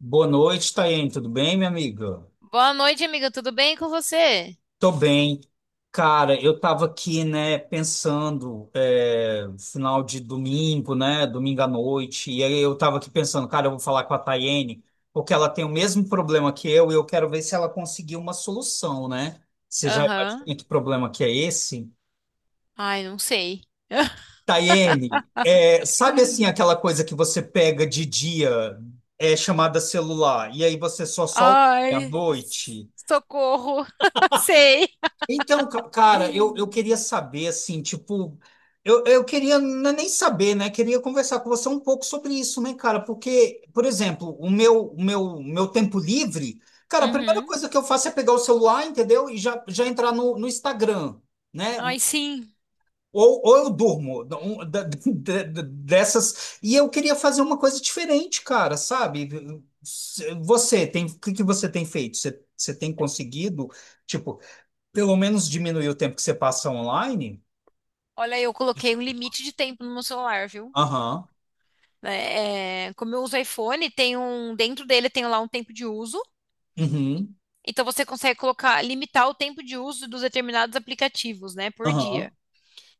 Boa noite, Tayane. Tudo bem, minha amiga? Boa noite, amiga. Tudo bem com você? Tô bem. Cara, eu tava aqui, né, pensando, final de domingo, né, domingo à noite, e aí eu tava aqui pensando, cara, eu vou falar com a Tayane, porque ela tem o mesmo problema que eu, e eu quero ver se ela conseguiu uma solução, né? Você já Aham. imagina que problema que é esse? Ai, não sei. Tayene, sabe assim aquela coisa que você pega de dia, é chamada celular, e aí você só solta à Ai, noite? socorro. Sei. Então, cara, eu queria saber, assim, tipo, eu queria nem saber, né? Queria conversar com você um pouco sobre isso, né, cara? Porque, por exemplo, meu tempo livre, cara, a primeira Uhum. coisa que eu faço é pegar o celular, entendeu? E já entrar no Instagram, né? Ai, sim. Ou eu durmo dessas. E eu queria fazer uma coisa diferente, cara, sabe? Você tem, o que que você tem feito? Você, você tem conseguido? Tipo, pelo menos diminuir o tempo que você passa online? Olha, eu coloquei um limite de tempo no meu celular, viu? Aham. É, como eu uso iPhone, dentro dele tem lá um tempo de uso. Uhum. Então você consegue colocar, limitar o tempo de uso dos determinados aplicativos, né, por dia. Aham.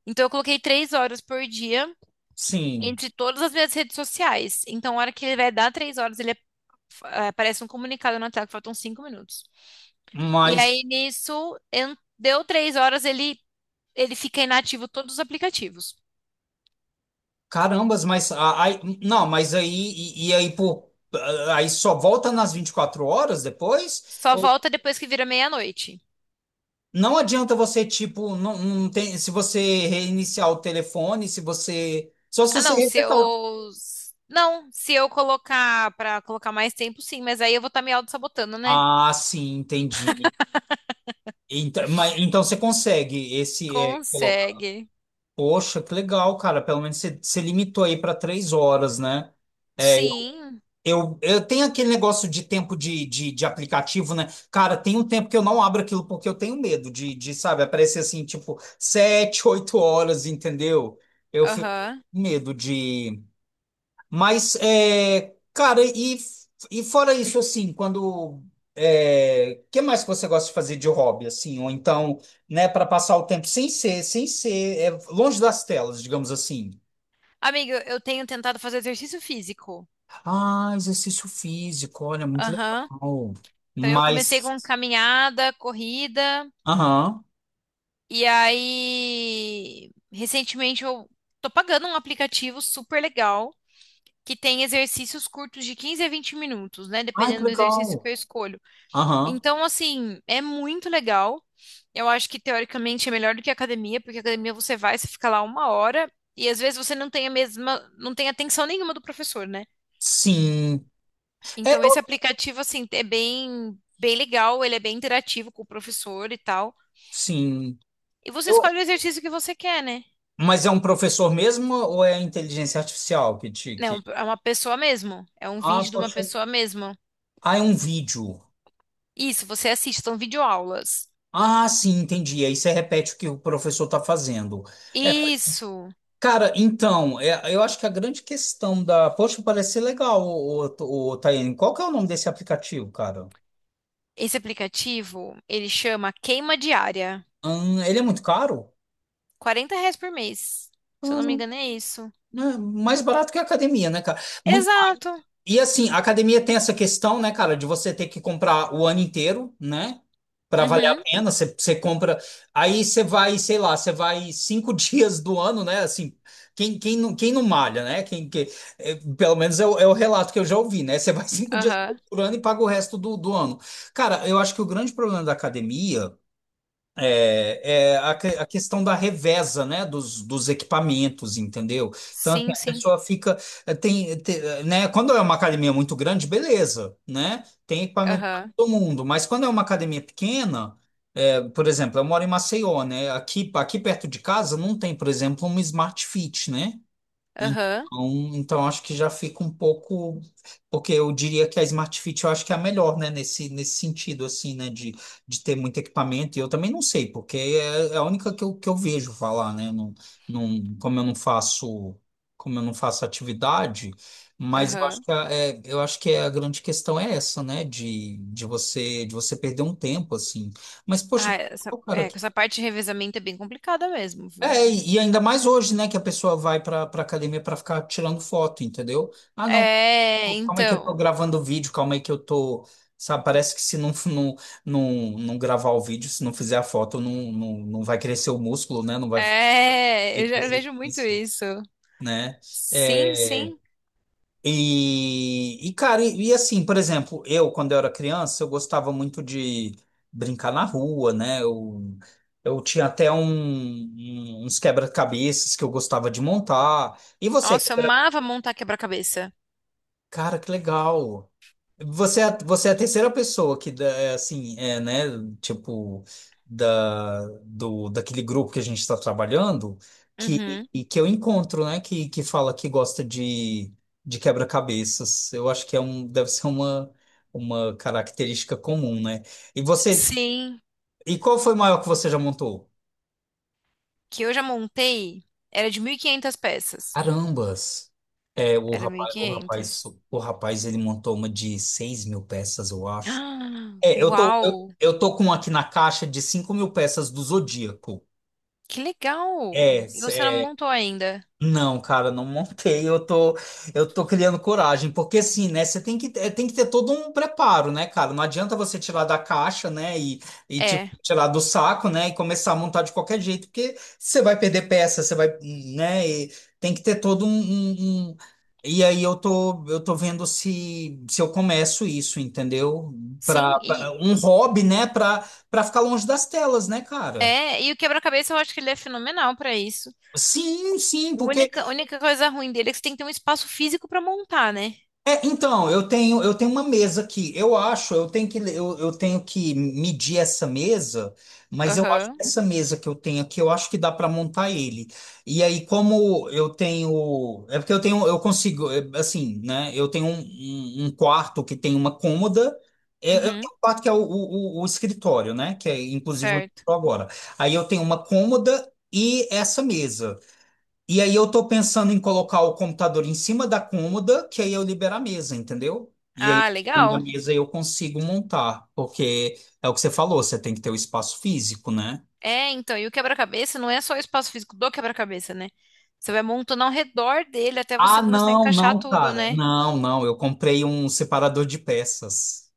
Então eu coloquei 3 horas por dia Sim. entre todas as minhas redes sociais. Então, a hora que ele vai dar 3 horas, ele, aparece um comunicado na tela que faltam 5 minutos. E Mas, aí nisso, deu 3 horas, ele fica inativo todos os aplicativos. carambas, mas. Aí, não, mas aí. E aí, pô, aí só volta nas 24 horas depois? Só Ou- volta depois que vira meia-noite. Não adianta você, tipo, não, não tem, se você reiniciar o telefone, se você. Só se Ah, você não, se resetar o. eu. Não, se eu colocar pra colocar mais tempo, sim, mas aí eu vou estar me auto-sabotando, né? Ah, sim, entendi. Então, mas, então você consegue esse. É, Consegue. poxa, que legal, cara. Pelo menos você limitou aí para 3 horas, né? É, Sim, eu tenho aquele negócio de tempo de aplicativo, né? Cara, tem um tempo que eu não abro aquilo porque eu tenho medo sabe, aparecer assim, tipo, 7, 8 horas, entendeu? Eu fico aham. com medo de. Mas, cara, e fora isso, assim, quando. Que mais que você gosta de fazer de hobby, assim? Ou então, né, para passar o tempo sem ser, longe das telas, digamos assim. Amigo, eu tenho tentado fazer exercício físico. Ah, exercício físico, olha, muito Aham. legal. Então eu comecei Mas. com caminhada, corrida. Aham. E aí, recentemente eu tô pagando um aplicativo super legal que tem exercícios curtos de 15 a 20 minutos, né? Ai, que Dependendo do exercício que legal. eu escolho. Aham. Então, assim, é muito legal. Eu acho que teoricamente é melhor do que a academia, porque a academia você vai, você fica lá uma hora e às vezes você não tem a mesma, não tem atenção nenhuma do professor, né? Sim. É, Então, eu- esse aplicativo, assim, é bem, bem legal, ele é bem interativo com o professor e tal. sim. E você Eu, escolhe o exercício que você quer, né? mas é um professor mesmo ou é a inteligência artificial que te. Que... É uma pessoa mesmo. É um Ah, vídeo de uma poxa. pessoa mesmo. Ah, é um vídeo. Isso, você assiste, são videoaulas. Ah, sim, entendi. Aí você repete o que o professor está fazendo. É, Isso. cara, então, eu acho que a grande questão da. Poxa, parece ser legal, o Tayane. Qual que é o nome desse aplicativo, cara? Esse aplicativo, ele chama Queima Diária. Ele é muito caro? R$ 40 por mês. Se eu não me Hum, engano, é isso. é mais barato que a academia, né, cara? Exato. E assim, a academia tem essa questão, né, cara, de você ter que comprar o ano inteiro, né? Pra valer a Uhum. pena, você compra. Aí você vai, sei lá, você vai cinco dias do ano, né? Assim, não, quem não malha, né? Quem, que, pelo menos é o relato que eu já ouvi, né? Você vai 5 dias Aham. por ano e paga o resto do ano. Cara, eu acho que o grande problema da academia. A questão da reveza, né, dos equipamentos, entendeu? Então, assim, Sim, a sim. pessoa fica, eh, tem, te- né, quando é uma academia muito grande, beleza, né, tem equipamento para Aham. todo mundo, mas quando é uma academia pequena, por exemplo, eu moro em Maceió, né, aqui, aqui perto de casa não tem, por exemplo, uma Smart Fit, né, Aham. então, então acho que já fica um pouco, porque eu diria que a Smart Fit eu acho que é a melhor, né, nesse sentido, assim, né, de ter muito equipamento, e eu também não sei, porque é a única que eu vejo falar, né, não, não, como eu não faço, como eu não faço atividade, mas eu acho Aham. que a, eu acho que é, a grande questão é essa, né, de você perder um tempo, assim, mas, poxa, Ah, essa, cara, é, essa parte de revezamento é bem complicada mesmo, viu? e ainda mais hoje, né, que a pessoa vai para academia para ficar tirando foto, entendeu? Ah, não, É, calma aí que eu tô então. gravando o vídeo, calma aí que eu tô, sabe, parece que se não não, não, não gravar o vídeo, se não fizer a foto, não, não, não vai crescer o músculo, né? Não vai fazer É, eu já vejo muito exercício, isso. né? Sim, É, sim. e assim, por exemplo, eu, quando eu era criança, eu gostava muito de brincar na rua, né? Eu tinha até uns quebra-cabeças que eu gostava de montar. E você, Nossa, eu quando era- amava montar quebra-cabeça. cara, que legal. Você é a terceira pessoa que, assim, né, tipo, daquele grupo que a gente está trabalhando, que, Uhum. e que eu encontro, né, que fala que gosta de quebra-cabeças. Eu acho que é um, deve ser uma característica comum, né? E você, Sim, e qual foi o maior que você já montou? que eu já montei era de 1.500 peças. Carambas! É, o Era mil e rapaz, o rapaz, quinhentas. o rapaz, ele montou uma de 6 mil peças, eu acho. Ah, É, eu tô, eu, uau! eu tô com um aqui na caixa de 5 mil peças do Zodíaco. Que legal! É, E você não montou ainda? não, cara, não montei. Eu tô criando coragem, porque assim, né? Você tem que, é, tem que ter todo um preparo, né, cara? Não adianta você tirar da caixa, né? E tipo, É, tirar do saco, né? E começar a montar de qualquer jeito, porque você vai perder peça, você vai, né? E tem que ter todo um, E aí eu tô vendo se eu começo isso, entendeu? Pra, sim, pra- e um hobby, né? Pra ficar longe das telas, né, cara? é, e o quebra-cabeça eu acho que ele é fenomenal pra isso. Sim, sim, A porque única, a única coisa ruim dele é que você tem que ter um espaço físico pra montar, né? Então, eu tenho uma mesa aqui. Eu acho, eu tenho que medir essa mesa, mas eu acho que Aham. essa mesa que eu tenho aqui, eu acho que dá para montar ele. E aí, como eu tenho, é porque eu tenho, eu consigo, é, assim, né? Eu tenho um quarto que tem uma cômoda. É, Eu Uhum. tenho um quarto que é o escritório, né? Que é inclusive onde eu Certo. tô agora. Aí eu tenho uma cômoda e essa mesa. E aí eu tô pensando em colocar o computador em cima da cômoda, que aí eu libero a mesa, entendeu? E aí, Ah, tirando a legal. mesa, eu consigo montar, porque é o que você falou, você tem que ter o espaço físico, né? É, então, e o quebra-cabeça não é só o espaço físico do quebra-cabeça, né? Você vai montando ao redor dele até Ah, você começar a não, encaixar não, tudo, cara. né? Não, não, eu comprei um separador de peças.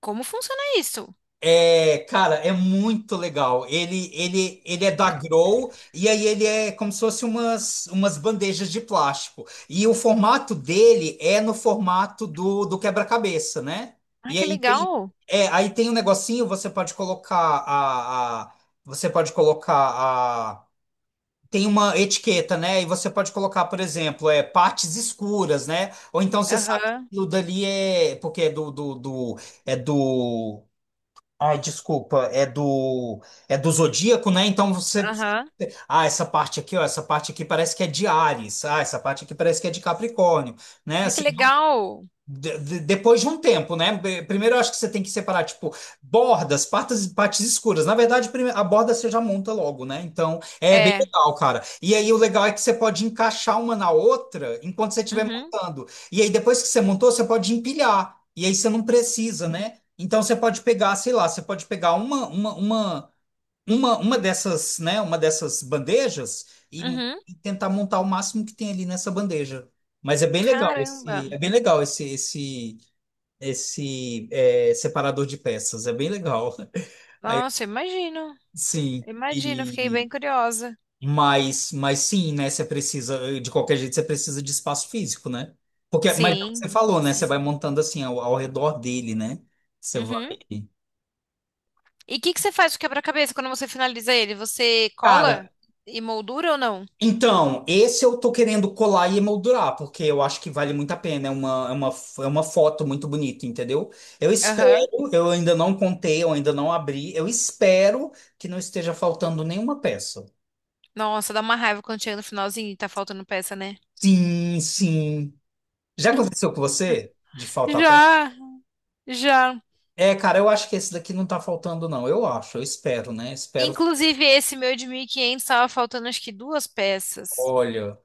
Como funciona isso? É, cara, é muito legal. Ele é da Grow e aí ele é como se fosse umas bandejas de plástico. E o formato dele é no formato do quebra-cabeça, né? Ai, E que aí tem, legal. Aí tem um negocinho, você pode colocar a, você pode colocar a Tem uma etiqueta, né? E você pode colocar, por exemplo, partes escuras, né? Ou então você sabe que Aham, aquilo dali é porque é do é do Ai, desculpa, é do Zodíaco, né? Então você, aham. ah, essa parte aqui, ó, essa parte aqui parece que é de Áries, ah, essa parte aqui parece que é de Capricórnio, né? Ai, que Assim, legal. Depois de um tempo, né? Primeiro eu acho que você tem que separar, tipo, bordas, partes escuras. Na verdade, a borda você já monta logo, né? Então é bem É. legal, cara. E aí o legal é que você pode encaixar uma na outra enquanto você estiver Uhum, montando. E aí depois que você montou, você pode empilhar. E aí você não precisa, né? Então você pode pegar, sei lá, você pode pegar uma dessas, né, uma dessas bandejas e, uhum. e tentar montar o máximo que tem ali nessa bandeja. Mas é bem legal Caramba. esse, é bem legal separador de peças, é bem legal. Aí, Nossa, imagino. sim, Imagino, fiquei e bem curiosa. mas sim, né, você precisa, de qualquer jeito você precisa de espaço físico, né? Porque, mas é o que você Sim, falou, né, você sim. vai montando assim ao redor dele, né? Você vai. Uhum. E o que que você faz com o quebra-cabeça quando você finaliza ele? Você cola Cara, e moldura ou não? então, esse eu tô querendo colar e emoldurar, porque eu acho que vale muito a pena. É uma foto muito bonita, entendeu? Eu espero, Aham. eu ainda não contei, eu ainda não abri. Eu espero que não esteja faltando nenhuma peça. Nossa, dá uma raiva quando chega no finalzinho e tá faltando peça, né? Sim, sim. Já aconteceu com você de faltar peça? Já, já. É, cara, eu acho que esse daqui não tá faltando, não. Eu acho, eu espero, né? Espero. Inclusive, esse meu de 1.500 estava faltando acho que 2 peças. Olha.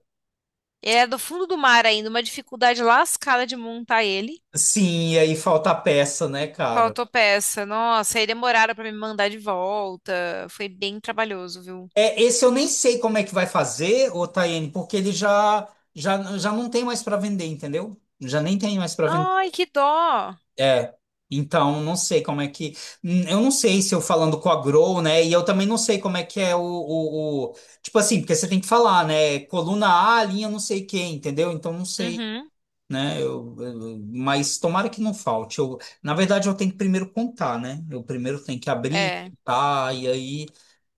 Ele é do fundo do mar ainda, uma dificuldade lascada de montar ele. Sim, e aí falta peça, né, cara? Faltou peça. Nossa, aí demoraram para me mandar de volta. Foi bem trabalhoso, viu? É, esse eu nem sei como é que vai fazer, ô Tayane, porque ele já não tem mais para vender, entendeu? Já nem tem mais para vender. Ai, que dó. É. Então, não sei como é que. Eu não sei se eu falando com a Grow, né? E eu também não sei como é que é tipo assim, porque você tem que falar, né? Coluna A, linha não sei quem, entendeu? Então, não sei, Uhum, né? Mas tomara que não falte. Eu, na verdade, eu tenho que primeiro contar, né? Eu primeiro tenho que abrir, é. tá? E aí.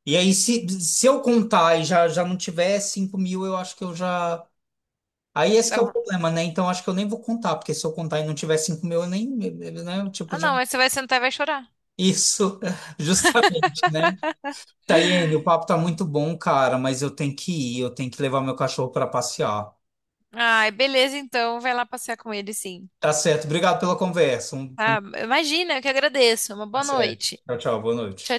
E aí, se eu contar e já não tiver 5 mil, eu acho que eu já. Aí esse Dá que é o vo- problema, né? Então acho que eu nem vou contar, porque se eu contar e não tiver 5 mil, eu nem. Né? Eu, tipo, Ah, já. não, mas você vai sentar e vai chorar. Isso, justamente, né? Tayene o papo tá muito bom, cara, mas eu tenho que ir, eu tenho que levar meu cachorro para passear. Ai, beleza, então. Vai lá passear com ele, sim. Tá certo, obrigado pela conversa. Um, Tá? Imagina, eu que agradeço. Uma tá boa certo. noite. Tchau. Tchau, tchau, boa noite.